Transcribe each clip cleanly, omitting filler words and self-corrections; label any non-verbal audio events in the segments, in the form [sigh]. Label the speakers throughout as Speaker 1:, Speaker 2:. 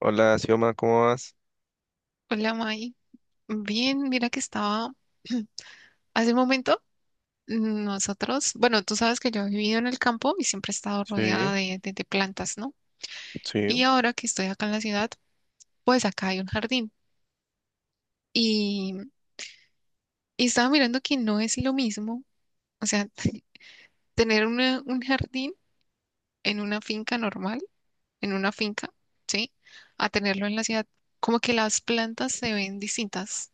Speaker 1: Hola, Xioma, ¿cómo vas?
Speaker 2: Hola May, bien, mira que estaba [clears throat] hace un momento nosotros, bueno, tú sabes que yo he vivido en el campo y siempre he estado rodeada
Speaker 1: Sí,
Speaker 2: de plantas, ¿no?
Speaker 1: sí.
Speaker 2: Y ahora que estoy acá en la ciudad, pues acá hay un jardín y, y estaba mirando que no es lo mismo, o sea, [laughs] tener un jardín en una finca normal, en una finca, ¿sí? A tenerlo en la ciudad, como que las plantas se ven distintas,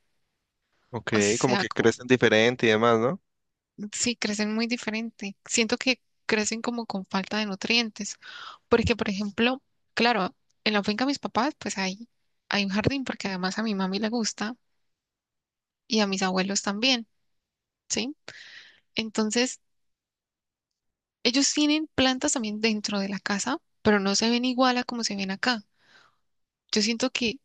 Speaker 1: Ok,
Speaker 2: o
Speaker 1: como
Speaker 2: sea,
Speaker 1: que crecen diferente y demás, ¿no?
Speaker 2: sí, crecen muy diferente. Siento que crecen como con falta de nutrientes, porque, por ejemplo, claro, en la finca de mis papás, pues hay un jardín, porque además a mi mami le gusta y a mis abuelos también, ¿sí? Entonces, ellos tienen plantas también dentro de la casa, pero no se ven igual a como se ven acá. Yo siento que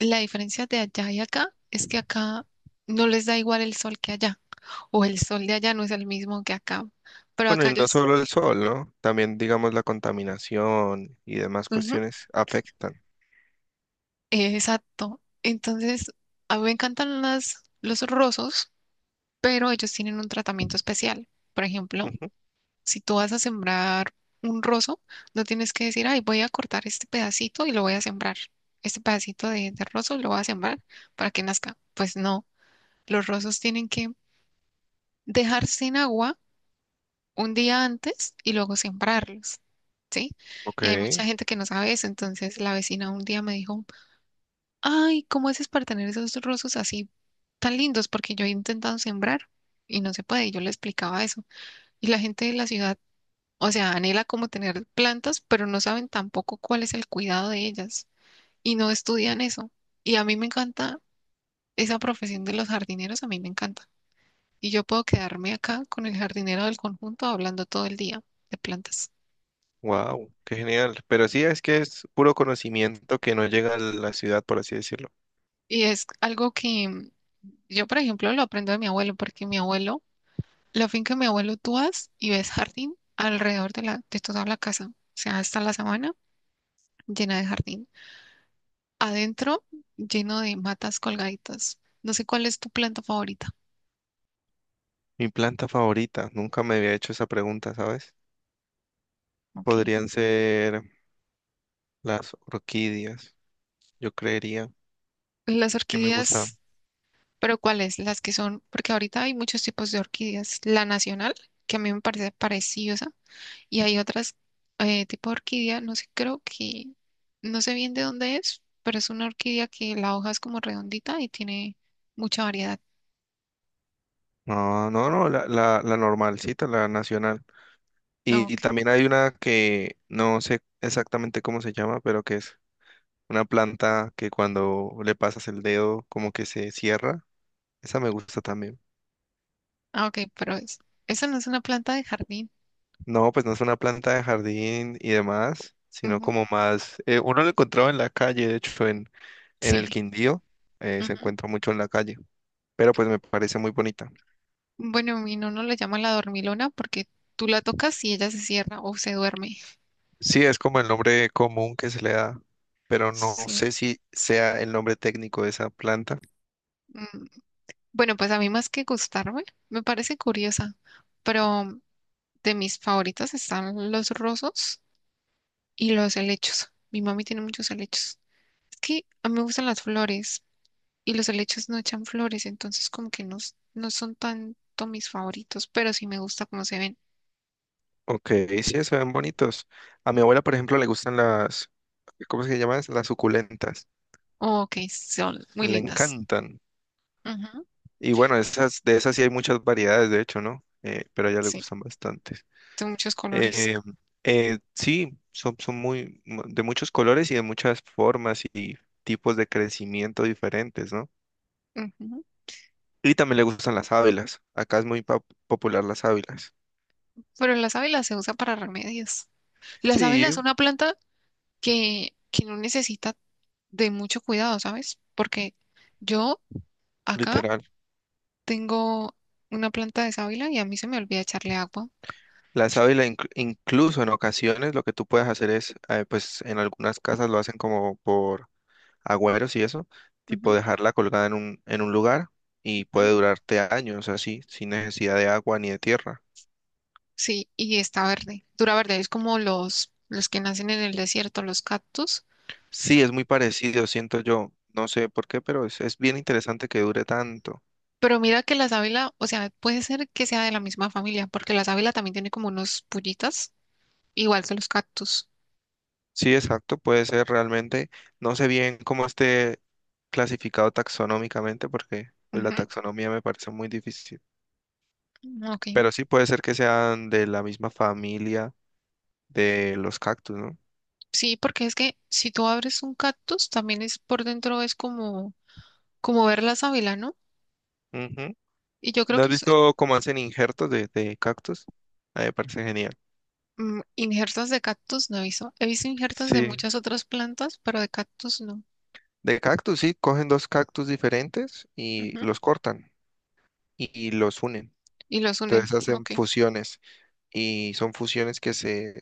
Speaker 2: la diferencia de allá y acá es que acá no les da igual el sol que allá, o el sol de allá no es el mismo que acá, pero
Speaker 1: Bueno,
Speaker 2: acá
Speaker 1: y no
Speaker 2: ellos...
Speaker 1: solo el sol, ¿no? También, digamos, la contaminación y demás cuestiones afectan.
Speaker 2: Exacto. Entonces, a mí me encantan los rosos, pero ellos tienen un tratamiento especial. Por ejemplo,
Speaker 1: Ujú.
Speaker 2: si tú vas a sembrar un roso, no tienes que decir, ay, voy a cortar este pedacito y lo voy a sembrar. Este pedacito de roso lo voy a sembrar para que nazca. Pues no, los rosos tienen que dejarse en agua un día antes y luego sembrarlos. ¿Sí?
Speaker 1: Ok,
Speaker 2: Y hay mucha gente que no sabe eso. Entonces, la vecina un día me dijo, ay, ¿cómo haces para tener esos rosas así tan lindos? Porque yo he intentado sembrar y no se puede. Y yo le explicaba eso. Y la gente de la ciudad, o sea, anhela como tener plantas, pero no saben tampoco cuál es el cuidado de ellas y no estudian eso. Y a mí me encanta esa profesión de los jardineros, a mí me encanta. Y yo puedo quedarme acá con el jardinero del conjunto hablando todo el día de plantas.
Speaker 1: wow, qué genial. Pero sí, es que es puro conocimiento que no llega a la ciudad, por así decirlo.
Speaker 2: Y es algo que yo, por ejemplo, lo aprendo de mi abuelo, porque mi abuelo la finca de mi abuelo, tú vas y ves jardín alrededor de toda la casa. O sea, hasta la sabana llena de jardín. Adentro, lleno de matas colgaditas. No sé cuál es tu planta favorita.
Speaker 1: Mi planta favorita, nunca me había hecho esa pregunta, ¿sabes?
Speaker 2: Ok.
Speaker 1: Podrían ser las orquídeas, yo creería
Speaker 2: Las
Speaker 1: que me gusta.
Speaker 2: orquídeas, pero ¿cuáles? Las que son, porque ahorita hay muchos tipos de orquídeas. La nacional, que a mí me parece pareciosa, y hay otras tipo de orquídea, no sé, creo que, no sé bien de dónde es, pero es una orquídea que la hoja es como redondita y tiene mucha variedad.
Speaker 1: No, no, no, la normalcita, la nacional. Y
Speaker 2: Ok.
Speaker 1: también hay una que no sé exactamente cómo se llama, pero que es una planta que cuando le pasas el dedo como que se cierra. Esa me gusta también.
Speaker 2: Ah, ok, pero es, eso no es una planta de jardín.
Speaker 1: No, pues no es una planta de jardín y demás, sino
Speaker 2: Ujú,
Speaker 1: como más... uno lo encontraba en la calle, de hecho, en el
Speaker 2: sí.
Speaker 1: Quindío, se
Speaker 2: Ujú.
Speaker 1: encuentra mucho en la calle, pero pues me parece muy bonita.
Speaker 2: Bueno, mi no la llama la dormilona porque tú la tocas y ella se cierra o se duerme.
Speaker 1: Sí, es como el nombre común que se le da, pero no sé
Speaker 2: Sí.
Speaker 1: si sea el nombre técnico de esa planta.
Speaker 2: mm. Bueno, pues a mí más que gustarme, me parece curiosa, pero de mis favoritas están los rosos y los helechos. Mi mami tiene muchos helechos. Es que a mí me gustan las flores y los helechos no echan flores, entonces como que no son tanto mis favoritos, pero sí me gusta cómo se ven.
Speaker 1: Ok, sí, se ven bonitos. A mi abuela, por ejemplo, le gustan las, ¿cómo se llaman? Las suculentas.
Speaker 2: Oh, ok, son muy
Speaker 1: Le
Speaker 2: lindas.
Speaker 1: encantan.
Speaker 2: Ujú,
Speaker 1: Y bueno, esas, de esas sí hay muchas variedades, de hecho, ¿no? Pero a ella le
Speaker 2: sí,
Speaker 1: gustan bastantes.
Speaker 2: de muchos colores.
Speaker 1: Eh, sí, son, son muy, mu- de muchos colores y de muchas formas y tipos de crecimiento diferentes, ¿no?
Speaker 2: Ujú.
Speaker 1: Y también le gustan las ávilas. Acá es muy pop- popular las ávilas.
Speaker 2: Pero las sábila se usa para remedios. La
Speaker 1: Sí,
Speaker 2: sábila es una planta que no necesita de mucho cuidado, ¿sabes? Porque yo acá
Speaker 1: literal.
Speaker 2: tengo una planta de sábila y a mí se me olvida echarle agua.
Speaker 1: La sábila inc- incluso en ocasiones lo que tú puedes hacer es, pues en algunas casas lo hacen como por agüeros y eso, tipo
Speaker 2: Ujú,
Speaker 1: dejarla colgada en un lugar y
Speaker 2: ujú.
Speaker 1: puede durarte años así, sin necesidad de agua ni de tierra.
Speaker 2: Sí, y está verde, dura verde. Es como los que nacen en el desierto, los cactus.
Speaker 1: Sí, es muy parecido, siento yo, no sé por qué, pero es bien interesante que dure tanto.
Speaker 2: Pero mira que la sábila, o sea, puede ser que sea de la misma familia, porque la sábila también tiene como unos pullitas igual que los cactus.
Speaker 1: Sí, exacto, puede ser realmente, no sé bien cómo esté clasificado taxonómicamente porque pues, la
Speaker 2: Ujú,
Speaker 1: taxonomía me parece muy difícil.
Speaker 2: ah, ok.
Speaker 1: Pero sí puede ser que sean de la misma familia de los cactus, ¿no?
Speaker 2: Sí, porque es que si tú abres un cactus, también es por dentro, es como, como ver la sábila, ¿no?
Speaker 1: Ujú.
Speaker 2: Y yo creo
Speaker 1: ¿No has visto cómo hacen injertos de cactus? A mí me parece genial.
Speaker 2: mm, injertas de cactus no he visto. He visto injertas de
Speaker 1: Sí,
Speaker 2: muchas otras plantas, pero de cactus no.
Speaker 1: de cactus, sí, cogen dos cactus diferentes y
Speaker 2: Ujú,
Speaker 1: los cortan y los unen.
Speaker 2: y los unen.
Speaker 1: Entonces hacen
Speaker 2: Ok.
Speaker 1: fusiones y son fusiones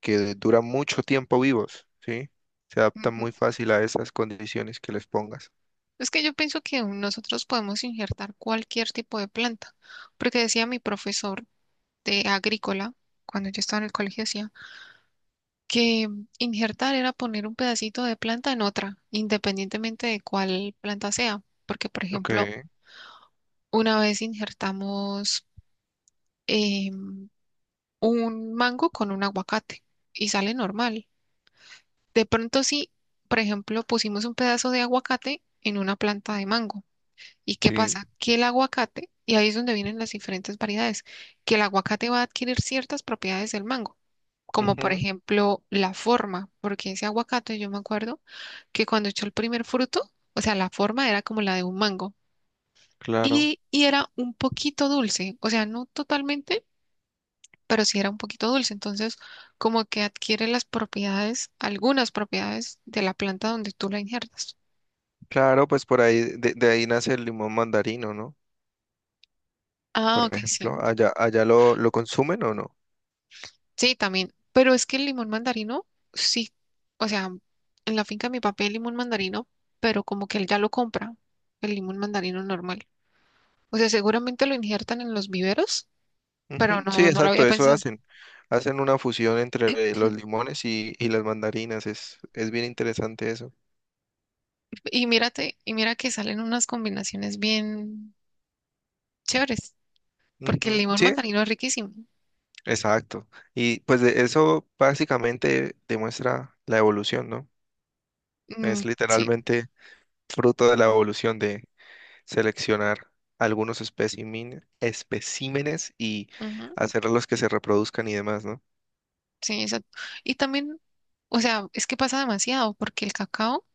Speaker 1: que duran mucho tiempo vivos, ¿sí? Se adaptan
Speaker 2: Ujú.
Speaker 1: muy fácil a esas condiciones que les pongas.
Speaker 2: Es que yo pienso que nosotros podemos injertar cualquier tipo de planta, porque decía mi profesor de agrícola, cuando yo estaba en el colegio, decía, que injertar era poner un pedacito de planta en otra, independientemente de cuál planta sea, porque por
Speaker 1: Ok,
Speaker 2: ejemplo, una vez injertamos eh, un mango con un aguacate y sale normal. De pronto sí, por ejemplo, pusimos un pedazo de aguacate en una planta de mango. ¿Y qué
Speaker 1: sí,
Speaker 2: pasa? Que el aguacate, y ahí es donde vienen las diferentes variedades, que el aguacate va a adquirir ciertas propiedades del mango, como por
Speaker 1: ujú,
Speaker 2: ejemplo la forma, porque ese aguacate, yo me acuerdo, que cuando echó el primer fruto, o sea, la forma era como la de un mango
Speaker 1: claro.
Speaker 2: y era un poquito dulce, o sea, no totalmente, pero sí era un poquito dulce. Entonces, como que adquiere las propiedades, algunas propiedades de la planta donde tú la injertas.
Speaker 1: Claro, pues por ahí, de ahí nace el limón mandarino, ¿no? Por
Speaker 2: Ah, ok, sí.
Speaker 1: ejemplo. Allá, allá lo consumen o no.
Speaker 2: Sí, también. Pero es que el limón mandarino, sí, o sea, en la finca de mi papá hay limón mandarino, pero como que él ya lo compra, el limón mandarino normal. O sea, seguramente lo injertan en los viveros, pero
Speaker 1: Ujú, sí,
Speaker 2: no lo
Speaker 1: exacto,
Speaker 2: había
Speaker 1: eso
Speaker 2: pensado.
Speaker 1: hacen. Hacen una fusión entre los limones y las mandarinas. Es bien interesante eso.
Speaker 2: Y mira que salen unas combinaciones bien chéveres, porque el
Speaker 1: Ujú,
Speaker 2: limón
Speaker 1: sí,
Speaker 2: mandarino es riquísimo.
Speaker 1: exacto. Y pues de- eso básicamente demuestra la evolución, ¿no? Es
Speaker 2: Mm, sí,
Speaker 1: literalmente fruto de la evolución de seleccionar algunos espécimen- especímenes y
Speaker 2: ujú,
Speaker 1: hacerlos que se reproduzcan y demás, ¿no?
Speaker 2: sí, exacto. Y también, o sea, es que pasa demasiado, porque el cacao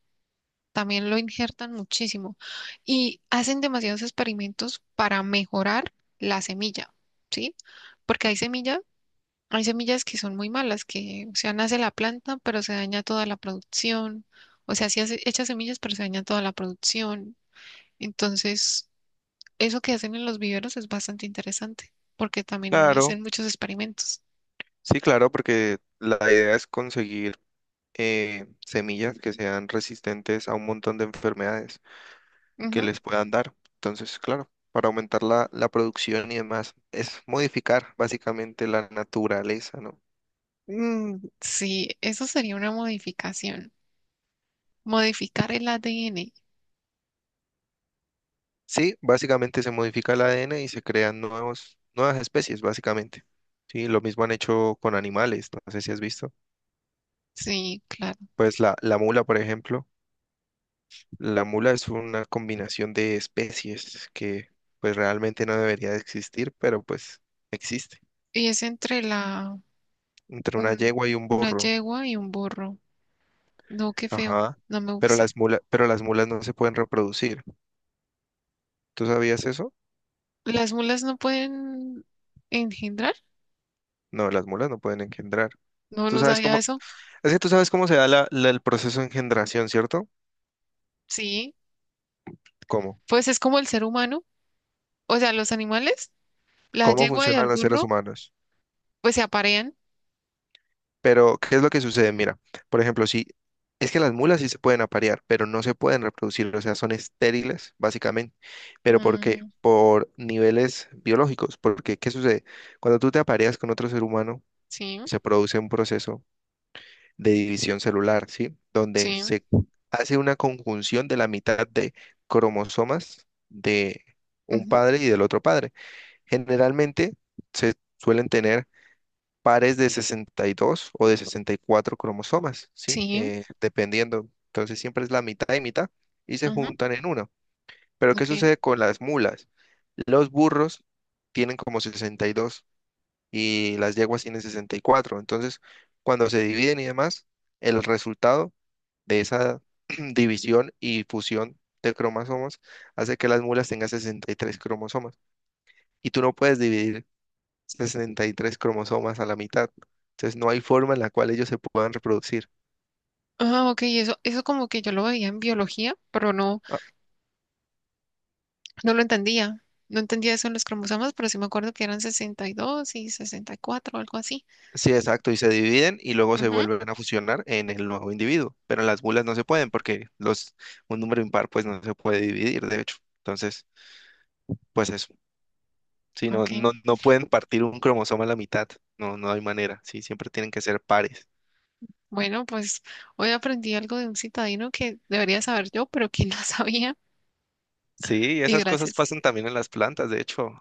Speaker 2: también lo injertan muchísimo y hacen demasiados experimentos para mejorar la semilla, ¿sí? Porque hay semillas que son muy malas, que, o sea, nace la planta, pero se daña toda la producción. O sea, sí echa semillas, pero se daña toda la producción. Entonces eso que hacen en los viveros es bastante interesante porque también
Speaker 1: Claro,
Speaker 2: hacen muchos experimentos.
Speaker 1: sí, claro, porque la idea es conseguir semillas que sean resistentes a un montón de enfermedades que
Speaker 2: Ujú.
Speaker 1: les puedan dar. Entonces, claro, para aumentar la, la producción y demás, es modificar básicamente la naturaleza, ¿no?
Speaker 2: Mm, sí, eso sería una modificación. Modificar el ADN.
Speaker 1: Sí, básicamente se modifica el ADN y se crean nuevos, nuevas especies, básicamente. Sí, lo mismo han hecho con animales, no sé si has visto.
Speaker 2: Sí, claro.
Speaker 1: Pues la mula, por ejemplo, la mula es una combinación de especies que pues realmente no debería de existir, pero pues existe
Speaker 2: Y es entre la
Speaker 1: entre una
Speaker 2: un-
Speaker 1: yegua y un
Speaker 2: una
Speaker 1: burro.
Speaker 2: yegua y un burro. No, qué feo.
Speaker 1: Ajá.
Speaker 2: No me gusta.
Speaker 1: Pero las mulas no se pueden reproducir. ¿Tú sabías eso?
Speaker 2: ¿Las mulas no pueden engendrar?
Speaker 1: No, las mulas no pueden engendrar.
Speaker 2: No,
Speaker 1: ¿Tú
Speaker 2: no
Speaker 1: sabes
Speaker 2: sabía
Speaker 1: cómo?
Speaker 2: eso.
Speaker 1: Es que tú sabes cómo se da la- la- el proceso de engendración, ¿cierto?
Speaker 2: Sí,
Speaker 1: ¿Cómo?
Speaker 2: pues es como el ser humano. O sea, los animales, la
Speaker 1: ¿Cómo
Speaker 2: yegua y
Speaker 1: funcionan
Speaker 2: el
Speaker 1: los seres
Speaker 2: burro,
Speaker 1: humanos?
Speaker 2: pues se aparean.
Speaker 1: Pero, ¿qué es lo que sucede? Mira, por ejemplo, si es que las mulas sí se pueden aparear, pero no se pueden reproducir, o sea, son estériles, básicamente. ¿Pero por qué?
Speaker 2: Mm,
Speaker 1: Por niveles biológicos. Porque, ¿qué sucede? Cuando tú te apareas con otro ser humano,
Speaker 2: sí,
Speaker 1: se produce un proceso de división celular, ¿sí? Donde
Speaker 2: sí.
Speaker 1: se hace una conjunción de la mitad de cromosomas de un
Speaker 2: Ujú.
Speaker 1: padre y del otro padre. Generalmente se suelen tener pares de 62 o de 64 cromosomas, ¿sí?
Speaker 2: Sí,
Speaker 1: Dependiendo. Entonces siempre es la mitad y mitad y se
Speaker 2: ajá,
Speaker 1: juntan en uno. Pero ¿qué
Speaker 2: ok.
Speaker 1: sucede con las mulas? Los burros tienen como 62 y las yeguas tienen 64. Entonces, cuando se dividen y demás, el resultado de esa [clears throat] división y fusión de cromosomas hace que las mulas tengan 63 cromosomas. Y tú no puedes dividir 63 cromosomas a la mitad. Entonces no hay forma en la cual ellos se puedan reproducir.
Speaker 2: Ah, ok, eso como que yo lo veía en biología, pero no,
Speaker 1: Ah,
Speaker 2: no lo entendía. No entendía eso en los cromosomas, pero sí me acuerdo que eran sesenta y 64 o algo así.
Speaker 1: sí, exacto, y se dividen y luego se
Speaker 2: Ajá,
Speaker 1: vuelven a fusionar en el nuevo individuo. Pero las mulas no se pueden porque los, un número impar pues no se puede dividir, de hecho. Entonces, pues eso. Sí, no,
Speaker 2: ok.
Speaker 1: no, no pueden partir un cromosoma a la mitad. No, no hay manera. Sí, siempre tienen que ser pares.
Speaker 2: Bueno, pues hoy aprendí algo de un citadino que debería saber yo, pero que no [laughs] sabía.
Speaker 1: Sí,
Speaker 2: Y
Speaker 1: esas cosas
Speaker 2: gracias.
Speaker 1: pasan también en las plantas, de hecho.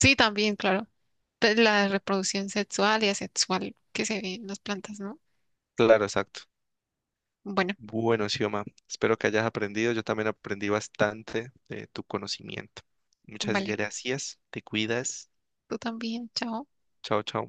Speaker 2: Sí, también, claro. De la reproducción sexual y asexual que se ve en las plantas, ¿no?
Speaker 1: Claro, exacto.
Speaker 2: Bueno,
Speaker 1: Bueno, Xioma, espero que hayas aprendido. Yo también aprendí bastante de tu conocimiento. Muchas
Speaker 2: vale.
Speaker 1: gracias. Te cuidas.
Speaker 2: Tú también, chao.
Speaker 1: Chao, chao.